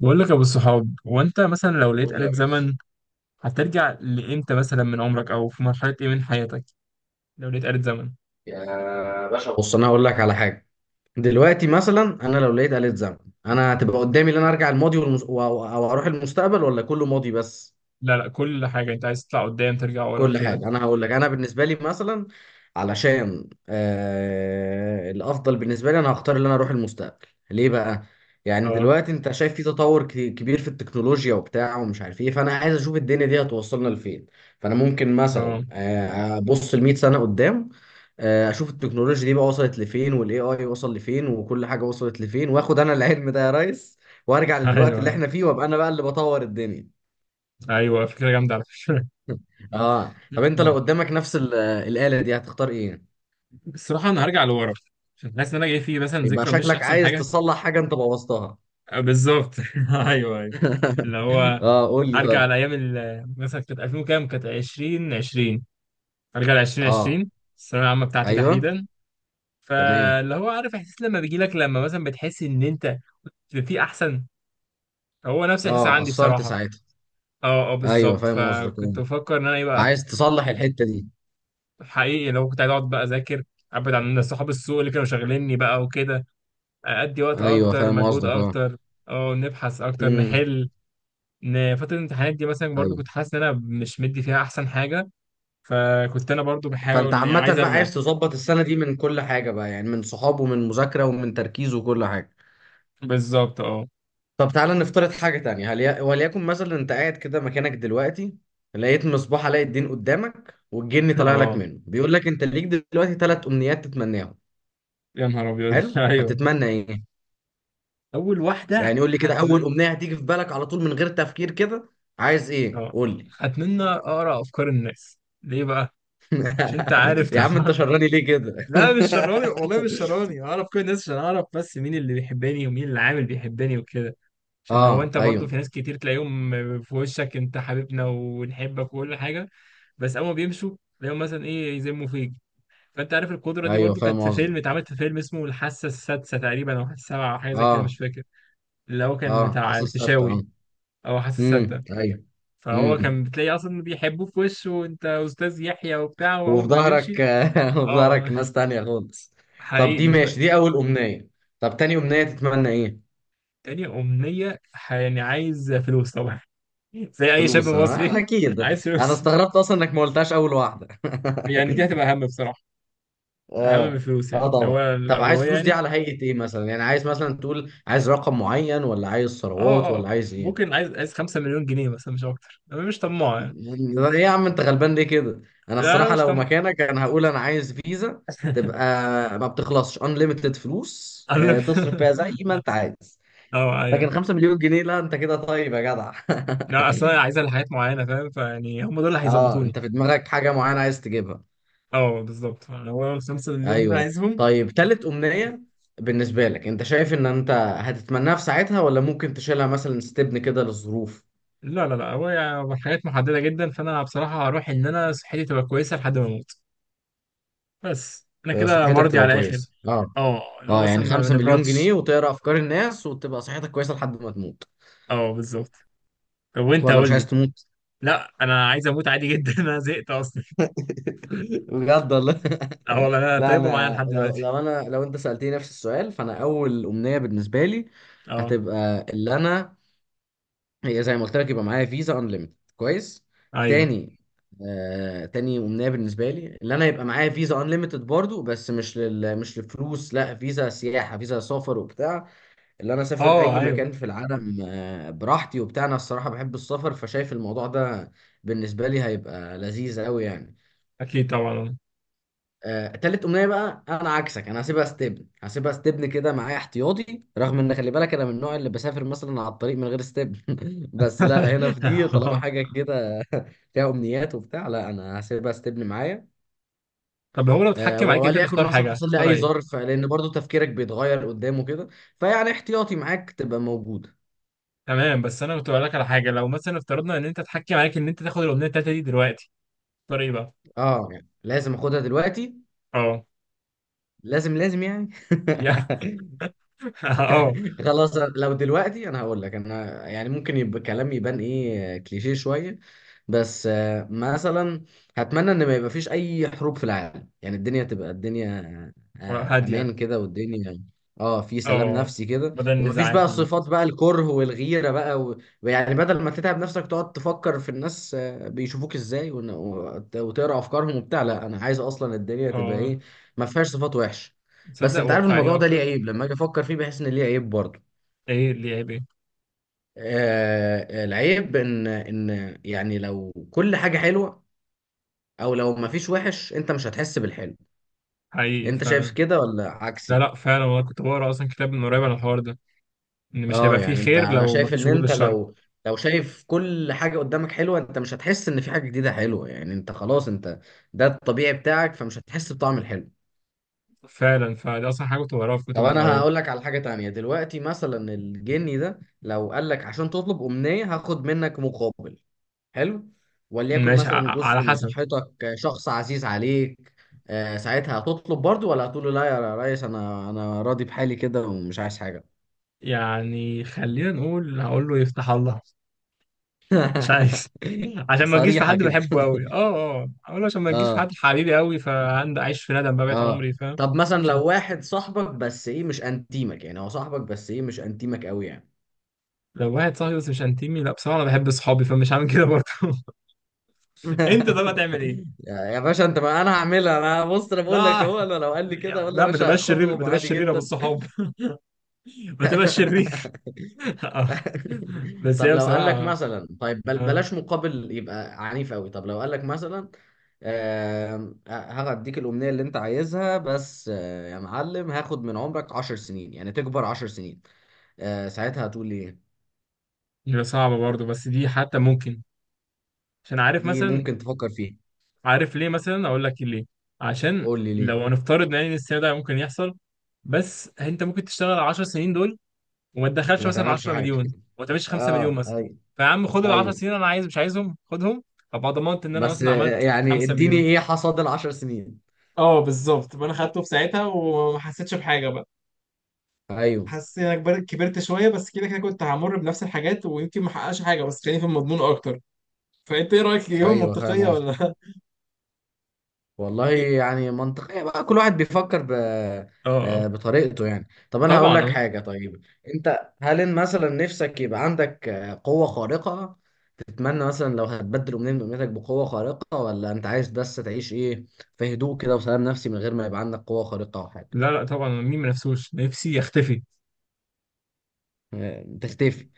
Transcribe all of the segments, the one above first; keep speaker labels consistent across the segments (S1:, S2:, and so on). S1: بقول لك يا ابو الصحاب، وانت مثلا لو لقيت
S2: قول يا
S1: آلة
S2: باشا.
S1: زمن هترجع لامتى مثلا من عمرك، او في مرحلة ايه من حياتك لو لقيت آلة زمن؟
S2: يا باشا بص بص انا هقول لك على حاجه. دلوقتي مثلا انا لو لقيت آلة زمن، انا هتبقى قدامي ان انا ارجع الماضي او اروح المستقبل ولا كله ماضي بس.
S1: لا لا، كل حاجة انت عايز تطلع قدام ترجع ورا
S2: كل
S1: كده.
S2: حاجة أنا هقول لك أنا بالنسبة لي مثلا. علشان الأفضل بالنسبة لي أنا هختار إن أنا أروح المستقبل ليه بقى؟ يعني
S1: اه
S2: دلوقتي أنت شايف في تطور كبير في التكنولوجيا وبتاع ومش عارف إيه، فأنا عايز أشوف الدنيا دي هتوصلنا لفين. فأنا ممكن
S1: اه.
S2: مثلا أبص لمية سنة قدام. أشوف التكنولوجيا دي بقى وصلت لفين وال AI وصل لفين وكل حاجة وصلت لفين وآخد أنا العلم ده يا ريس. وأرجع للوقت اللي
S1: ايوه
S2: إحنا فيه وأبقى أنا بقى اللي بطور الدنيا.
S1: ايوه، فكرة جامدة على فكرة.
S2: اه طب انت لو قدامك نفس الآلة دي هتختار ايه؟
S1: الصراحة انا هرجع لورا، عشان حاسس ان انا جاي فيه مثلا
S2: يبقى
S1: ذكرى مش
S2: شكلك
S1: احسن
S2: عايز
S1: حاجة.
S2: تصلح حاجة انت بوظتها.
S1: آه، بالظبط. ايوه ايوه. اللي هو
S2: اه قول لي
S1: ارجع
S2: طيب.
S1: على ايام مثلا كانت 2000 وكام، كانت 20 20، ارجع ل
S2: اه
S1: 2020، الثانوية العامة بتاعتي
S2: ايوه
S1: تحديدا.
S2: تمام.
S1: فاللي هو عارف احساس لما بيجي لك لما مثلا بتحس ان انت في احسن. هو نفس الاحساس
S2: اه
S1: عندي
S2: قصرت
S1: بصراحه.
S2: ساعتها.
S1: اه اه
S2: ايوه
S1: بالظبط،
S2: فاهم قصدك
S1: فكنت
S2: اه.
S1: بفكر ان انا ايه بقى.
S2: عايز تصلح الحتة دي.
S1: حقيقي لو كنت عايز اقعد بقى اذاكر، ابعد عن صحاب السوق اللي كانوا شاغليني بقى وكده، ادي وقت
S2: ايوه
S1: اكتر،
S2: فاهم
S1: مجهود
S2: قصدك اه.
S1: اكتر. اه، نبحث اكتر،
S2: امم
S1: نحل. ان فتره الامتحانات دي مثلا برضو
S2: ايوه.
S1: كنت حاسس ان انا مش مدي فيها احسن حاجه. فكنت انا برضو
S2: فانت
S1: بحاول، يعني عايز
S2: عامة بقى
S1: ارجع.
S2: عايز تظبط السنة دي من كل حاجة بقى، يعني من صحاب ومن مذاكرة ومن تركيز وكل حاجة.
S1: بالظبط اه.
S2: طب تعالى نفترض حاجة تانية، وليكن مثلا انت قاعد كده مكانك دلوقتي، لقيت مصباح علاء الدين قدامك والجن طالع لك
S1: اه،
S2: منه بيقول لك انت ليك دلوقتي ثلاث امنيات تتمناهم.
S1: يا نهار ابيض.
S2: حلو
S1: ايوه.
S2: هتتمنى ايه؟
S1: اول واحده.
S2: يعني قول لي كده اول
S1: هتمنى.
S2: امنية هتيجي في بالك على طول من غير تفكير كده. عايز ايه
S1: اه.
S2: قول لي.
S1: اتمنى اقرا افكار الناس. ليه بقى؟ مش انت عارف
S2: يا عم انت
S1: طبعا.
S2: شراني ليه كده.
S1: لا مش شراني، والله مش شراني. اعرف كل الناس عشان اعرف بس مين اللي بيحبني ومين اللي عامل بيحبني وكده. عشان هو،
S2: اه
S1: انت برضو
S2: ايوه.
S1: في ناس كتير تلاقيهم في وشك، انت حبيبنا ونحبك وكل حاجه. بس اول ما بيمشوا تلاقيهم مثلا ايه، يذموا فيك. فانت عارف القدره دي
S2: ايوه
S1: برضو
S2: فاهم
S1: كانت في
S2: قصدك
S1: فيلم، اتعملت في فيلم اسمه الحاسه السادسه تقريبا، او الحاسه السابعه، او حاجه زي كده،
S2: اه.
S1: مش فاكر. اللي هو كان
S2: اه
S1: بتاع
S2: حاسس ستة
S1: الفيشاوي.
S2: اه.
S1: او الحاسه السادسه.
S2: ايوه.
S1: فهو كان
S2: امم.
S1: بتلاقي اصلا بيحبوه في وشه، وانت استاذ يحيى وبتاع،
S2: وفي
S1: واول ما
S2: ظهرك
S1: بيمشي.
S2: وفي ظهرك
S1: اه
S2: ناس تانية خالص. طب دي
S1: حقيقي
S2: ماشي، دي أول أمنية. طب تاني أمنية تتمنى إيه؟
S1: تاني امنيه، يعني عايز فلوس طبعا. زي اي شاب
S2: فلوس
S1: مصري.
S2: أكيد.
S1: عايز
S2: أنا
S1: فلوس.
S2: استغربت أصلا إنك ما قلتهاش أول واحدة.
S1: يعني دي هتبقى اهم بصراحه. اهم من
S2: آه
S1: الفلوس،
S2: آه
S1: يعني لو هو
S2: طبعا. طب عايز
S1: الاولويه
S2: فلوس دي
S1: يعني.
S2: على هيئة إيه مثلا؟ يعني عايز مثلا تقول عايز رقم معين ولا عايز ثروات
S1: اه اه،
S2: ولا عايز
S1: ممكن
S2: إيه؟
S1: عايز 5 مليون جنيه مثلا، مش اكتر، انا مش طماع يعني.
S2: يعني إيه يا عم أنت غلبان ليه كده؟ أنا
S1: لا، أنا
S2: الصراحة
S1: مش
S2: لو
S1: طماع.
S2: مكانك أنا هقول أنا عايز فيزا. تبقى ما بتخلصش، unlimited فلوس
S1: انا.
S2: تصرف فيها زي ما أنت عايز.
S1: اه
S2: لكن
S1: ايوه.
S2: 5 مليون جنيه لا انت كده طيب يا جدع.
S1: لا اصل انا عايزها لحاجات معينه، فاهم؟ فيعني هم دول اللي
S2: اه
S1: هيظبطوني.
S2: انت في دماغك حاجة معينة عايز تجيبها.
S1: اه بالظبط، هو الخمسة مليون اللي انا
S2: ايوه.
S1: عايزهم.
S2: طيب تالت امنية. بالنسبة لك انت شايف ان انت هتتمناها في ساعتها ولا ممكن تشيلها مثلا ستبن كده للظروف.
S1: لا لا لا، هو يعني حاجات محددة جدا، فأنا بصراحة هروح إن أنا صحتي تبقى كويسة لحد ما أموت. بس أنا كده
S2: صحتك
S1: مرضي
S2: تبقى
S1: على الآخر.
S2: كويسة اه.
S1: اه اللي هو
S2: اه
S1: مثلا
S2: يعني
S1: ما
S2: 5 مليون جنيه
S1: بنبردش.
S2: وتقرا افكار الناس وتبقى صحتك كويسة لحد ما تموت.
S1: اه بالظبط. طب وأنت
S2: ولا مش
S1: قول
S2: عايز
S1: لي.
S2: تموت؟
S1: لا أنا عايز أموت عادي جدا. أنا زهقت أصلا.
S2: بجد والله.
S1: اه والله، أنا
S2: لا
S1: طيبة معايا
S2: انا
S1: لحد
S2: لو
S1: دلوقتي.
S2: لو انا لو انت سألتني نفس السؤال، فانا اول امنية بالنسبة لي
S1: اه
S2: هتبقى اللي انا، هي زي ما قلت لك، يبقى معايا فيزا انليمتد كويس.
S1: أيوه.
S2: تاني، تاني امنيه بالنسبه لي اللي انا يبقى معايا فيزا انليمتد برضو، بس مش للفلوس، لا فيزا سياحه فيزا سفر وبتاع. اللي انا اسافر
S1: اه
S2: اي
S1: أيوه،
S2: مكان في العالم براحتي وبتاع، انا الصراحه بحب السفر، فشايف الموضوع ده بالنسبه لي هيبقى لذيذ قوي يعني.
S1: أكيد طبعا.
S2: تالت امنيه بقى انا عكسك، انا هسيبها ستبن كده معايا احتياطي، رغم ان خلي بالك انا من النوع اللي بسافر مثلا على الطريق من غير ستبن. بس لا هنا في دي طالما حاجه كده فيها امنيات وبتاع، لا انا هسيبها ستبن معايا.
S1: طب هو لو اتحكم عليك أنت
S2: وليكن
S1: تختار
S2: مثلا
S1: حاجة،
S2: حصل لي
S1: تختار
S2: اي
S1: إيه؟
S2: ظرف، لان برضو تفكيرك بيتغير قدامه كده، فيعني احتياطي معاك تبقى موجوده.
S1: تمام، بس انا كنت بقول لك على حاجه، لو مثلا افترضنا ان انت اتحكم عليك ان انت تاخد الاغنيه التالته دي دلوقتي، تختار ايه بقى؟
S2: اه يعني لازم اخدها دلوقتي؟
S1: اه،
S2: لازم لازم يعني.
S1: يا اه.
S2: خلاص لو دلوقتي انا هقول لك انا، يعني ممكن يبقى كلام يبان ايه كليشيه شويه، بس مثلا هتمنى ان ما يبقى فيش اي حروب في العالم، يعني الدنيا تبقى الدنيا.
S1: هاديه.
S2: امان كده والدنيا اه في سلام
S1: اه،
S2: نفسي كده،
S1: بدل
S2: ومفيش بقى
S1: النزاعات اللي
S2: الصفات
S1: بتحصل.
S2: بقى الكره والغيره بقى ويعني بدل ما تتعب نفسك تقعد تفكر في الناس بيشوفوك ازاي وتقرا افكارهم وبتاع، لا انا عايز اصلا الدنيا تبقى
S1: اه،
S2: ايه، ما فيهاش صفات وحشه. بس
S1: تصدق
S2: انت عارف
S1: واقعيه
S2: الموضوع ده ليه
S1: اكتر.
S2: عيب لما اجي افكر فيه، بحس ان ليه عيب برضه.
S1: ايه اللي عيب، ايه؟
S2: العيب ان يعني لو كل حاجة حلوة او لو ما فيش وحش انت مش هتحس بالحلو.
S1: حقيقي
S2: انت شايف
S1: فعلا.
S2: كده ولا
S1: لا
S2: عكسي؟
S1: لا، فعلا والله، كنت بقرا اصلا كتاب من قريب على الحوار ده، ان مش هيبقى
S2: اه
S1: فيه
S2: يعني انت
S1: خير
S2: انا
S1: لو ما
S2: شايف
S1: فيش
S2: ان
S1: وجود
S2: انت
S1: للشر.
S2: لو، لو شايف كل حاجة قدامك حلوة انت مش هتحس ان في حاجة جديدة حلوة، يعني انت خلاص انت ده الطبيعي بتاعك فمش هتحس بطعم الحلو.
S1: فعلا، فدي اصلا حاجه كنت بقراها في كتب
S2: طب
S1: من
S2: انا
S1: قريب.
S2: هقول لك على حاجة تانية، دلوقتي مثلا الجني ده لو قال لك عشان تطلب أمنية هاخد منك مقابل، حلو، وليكن
S1: ماشي،
S2: مثلا
S1: على
S2: جزء من
S1: حسب.
S2: صحتك، شخص عزيز عليك، ساعتها هتطلب برضو ولا هتقول له لا يا ريس انا راضي بحالي كده ومش عايز حاجه.
S1: يعني خلينا نقول هقول له يفتح الله. مش عايز. عشان ما تجيش في
S2: صريحه
S1: حد
S2: كده.
S1: بحبه قوي، اقول، عشان ما تجيش في
S2: اه
S1: حد حبيبي قوي، فعندي عايش في ندم بقى بقيت
S2: اه.
S1: عمري، فاهم؟
S2: طب مثلا
S1: عشان
S2: لو واحد صاحبك بس ايه مش انتيمك، يعني هو صاحبك بس ايه مش انتيمك قوي يعني.
S1: لو واحد صاحبي بس مش انتمي، لا بصراحه انا بحب اصحابي، فمش هعمل كده برضه. انت طب هتعمل ايه؟
S2: يا باشا انت، ما انا هعملها انا، بص انا بقول لك
S1: لا
S2: اهو، انا لو قال لي كده اقول له
S1: لا،
S2: يا
S1: ما
S2: باشا
S1: تبقاش شرير، ما
S2: خدهم
S1: تبقاش
S2: عادي
S1: شرير يا ابو
S2: جدا.
S1: الصحاب. ما تبقاش شرير. آه. بس
S2: طب
S1: هي
S2: لو قال لك
S1: بصراحه.
S2: مثلا طيب
S1: اه،
S2: بلاش مقابل، يبقى عنيف قوي. طب لو قال لك مثلا هديك الأمنية اللي أنت عايزها بس يا معلم هاخد من عمرك عشر سنين، يعني تكبر عشر سنين، ساعتها هتقول لي إيه؟
S1: هي صعبه برضه، بس دي حتى ممكن. عشان عارف
S2: دي
S1: مثلا.
S2: ممكن تفكر فيها.
S1: عارف ليه مثلا، اقول لك ليه. عشان
S2: قول لي ليه.
S1: لو هنفترض يعني ان السيناريو ده ممكن يحصل، بس انت ممكن تشتغل 10 سنين دول وما تدخلش
S2: وما
S1: مثلا
S2: تعملش
S1: 10
S2: حاجة.
S1: مليون، وما تعملش 5 مليون
S2: اه
S1: مثلا.
S2: ايوه.
S1: فيا عم خد ال 10
S2: ايوه
S1: سنين، انا عايز، مش عايزهم، خدهم. ابقى ضمنت ان انا
S2: بس
S1: مثلا عملت
S2: يعني
S1: 5
S2: اديني
S1: مليون.
S2: ايه حصاد العشر سنين.
S1: اه بالظبط، فانا خدته في ساعتها وما حسيتش بحاجه بقى.
S2: ايوه
S1: حسيت ان انا كبرت، كبرت شويه بس، كده كده كنت همر بنفس الحاجات ويمكن ما احققش حاجه، بس خليني في المضمون اكتر. فانت ايه رايك، الاجابه
S2: ايوه فاهم.
S1: منطقيه ولا؟
S2: والله
S1: إيه؟
S2: يعني منطقية بقى، كل واحد بيفكر
S1: اه آه.
S2: بطريقته يعني. طب انا هقول لك
S1: طبعا.
S2: حاجة طيب، انت هل إن مثلا نفسك يبقى عندك قوة خارقة، تتمنى مثلا لو هتبدل امنية من امنياتك بقوة خارقة ولا انت عايز بس تعيش ايه في هدوء كده وسلام نفسي من غير ما يبقى عندك قوة خارقة او حاجة.
S1: لا لا، طبعا، مين ما نفسوش؟ نفسي يختفي.
S2: تختفي.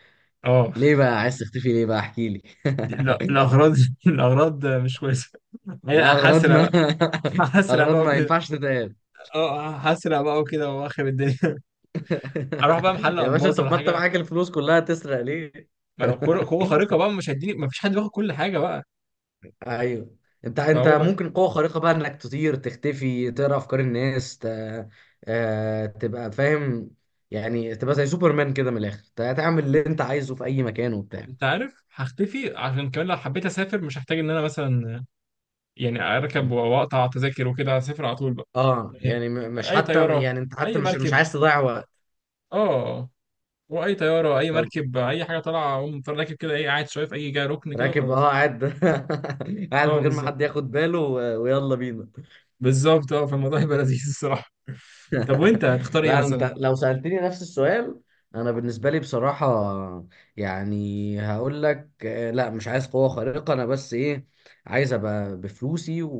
S1: اه،
S2: ليه بقى عايز تختفي ليه بقى احكي لي.
S1: لا الاغراض. الاغراض مش كويسه.
S2: لا
S1: هي
S2: اغراض
S1: حسرة
S2: ما.
S1: بقى. حسرة
S2: اغراض
S1: بقى
S2: ما
S1: وكده.
S2: ينفعش تتقال.
S1: اه حسرة بقى وكده، واخر الدنيا. اروح بقى محل
S2: يا باشا
S1: الماظ
S2: طب
S1: ولا
S2: ما انت
S1: حاجه.
S2: معاك الفلوس كلها تسرق ليه.
S1: ما لو كوره قوه خارقه بقى، مش هديني ما فيش حد بياخد كل حاجه بقى.
S2: ايوه. انت
S1: فهو بقى.
S2: ممكن قوه خارقه بقى انك تطير تختفي تقرا افكار الناس تبقى فاهم. يعني تبقى زي سوبرمان كده من الاخر تعمل اللي انت عايزه في اي مكان وبتاع.
S1: انت عارف، هختفي عشان كمان لو حبيت اسافر مش هحتاج ان انا مثلا يعني اركب واقطع تذاكر وكده، هسافر على طول بقى.
S2: اه
S1: يعني
S2: يعني مش
S1: اي
S2: حتى
S1: طياره،
S2: يعني انت حتى
S1: اي
S2: مش
S1: مركب.
S2: عايز تضيع وقت.
S1: اه. واي طياره، اي
S2: طب
S1: مركب، اي حاجه طالعه، اقوم طالع راكب كده، ايه، قاعد شويه في اي جاي، ركن كده
S2: راكب اه
S1: وخلاص.
S2: قاعد. قاعد من
S1: اه
S2: غير ما
S1: بالظبط،
S2: حد ياخد باله ويلا بينا.
S1: بالظبط. اه فالموضوع هيبقى لذيذ الصراحه. طب وانت هتختار ايه
S2: لا
S1: مثلا؟
S2: انت لو سألتني نفس السؤال، انا بالنسبه لي بصراحه يعني هقول لك لا مش عايز قوه خارقه، انا بس ايه، عايز ابقى بفلوسي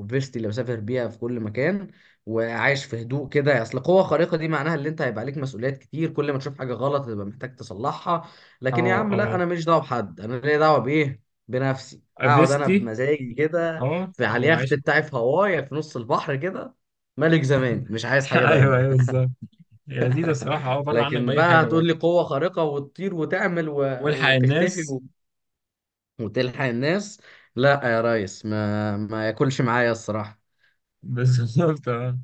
S2: وفيستي اللي بسافر بيها في كل مكان، وعايش في هدوء كده. اصل قوه خارقه دي معناها ان انت هيبقى عليك مسؤوليات كتير، كل ما تشوف حاجه غلط هتبقى محتاج تصلحها. لكن يا
S1: اه
S2: عم لا
S1: اه،
S2: انا ماليش دعوه بحد، انا ليا دعوه بايه؟ بنفسي، اقعد انا
S1: افيستي.
S2: بمزاجي كده
S1: اه،
S2: في على
S1: وعيش.
S2: اليخت بتاعي في هواي في نص البحر كده، ملك زماني مش عايز حاجه
S1: ايوه
S2: تانية.
S1: ايوه، بالظبط. هي لذيذه الصراحه، اه بره عنك
S2: لكن
S1: باي
S2: بقى
S1: حاجه بقى.
S2: هتقول لي قوة خارقة وتطير وتعمل
S1: والحق
S2: وتختفي
S1: الناس.
S2: وتلحق الناس، لا يا ريس ما ما ياكلش معايا الصراحة.
S1: بالظبط اه.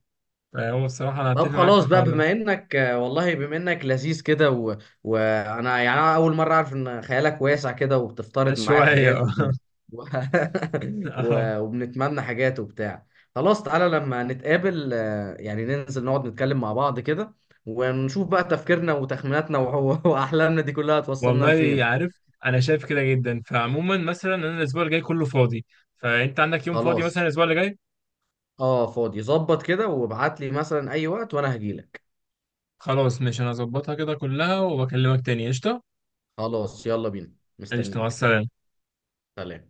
S1: فهو الصراحه انا
S2: طب
S1: هتفق معاك في
S2: خلاص بقى
S1: الحوار ده.
S2: بما انك والله بما انك لذيذ كده وانا يعني انا اول مرة اعرف ان خيالك واسع كده وبتفترض معايا
S1: شويه
S2: حاجات
S1: اه.
S2: و...
S1: اه،
S2: وبنتمنى حاجات وبتاع. خلاص تعالى لما نتقابل يعني ننزل نقعد نتكلم مع بعض كده ونشوف بقى تفكيرنا وتخميناتنا واحلامنا دي كلها توصلنا
S1: والله
S2: لفين.
S1: عارف انا شايف كده جدا. فعموما مثلا، انا الاسبوع اللي جاي كله فاضي، فانت عندك يوم فاضي مثلا
S2: خلاص
S1: الاسبوع اللي جاي؟
S2: اه فاضي ظبط كده، وابعت لي مثلا اي وقت وانا هجيلك.
S1: خلاص، ماشي، انا هظبطها كده كلها وبكلمك تاني. قشطة.
S2: خلاص يلا بينا
S1: قشطة، مع
S2: مستنيك.
S1: السلامة.
S2: سلام.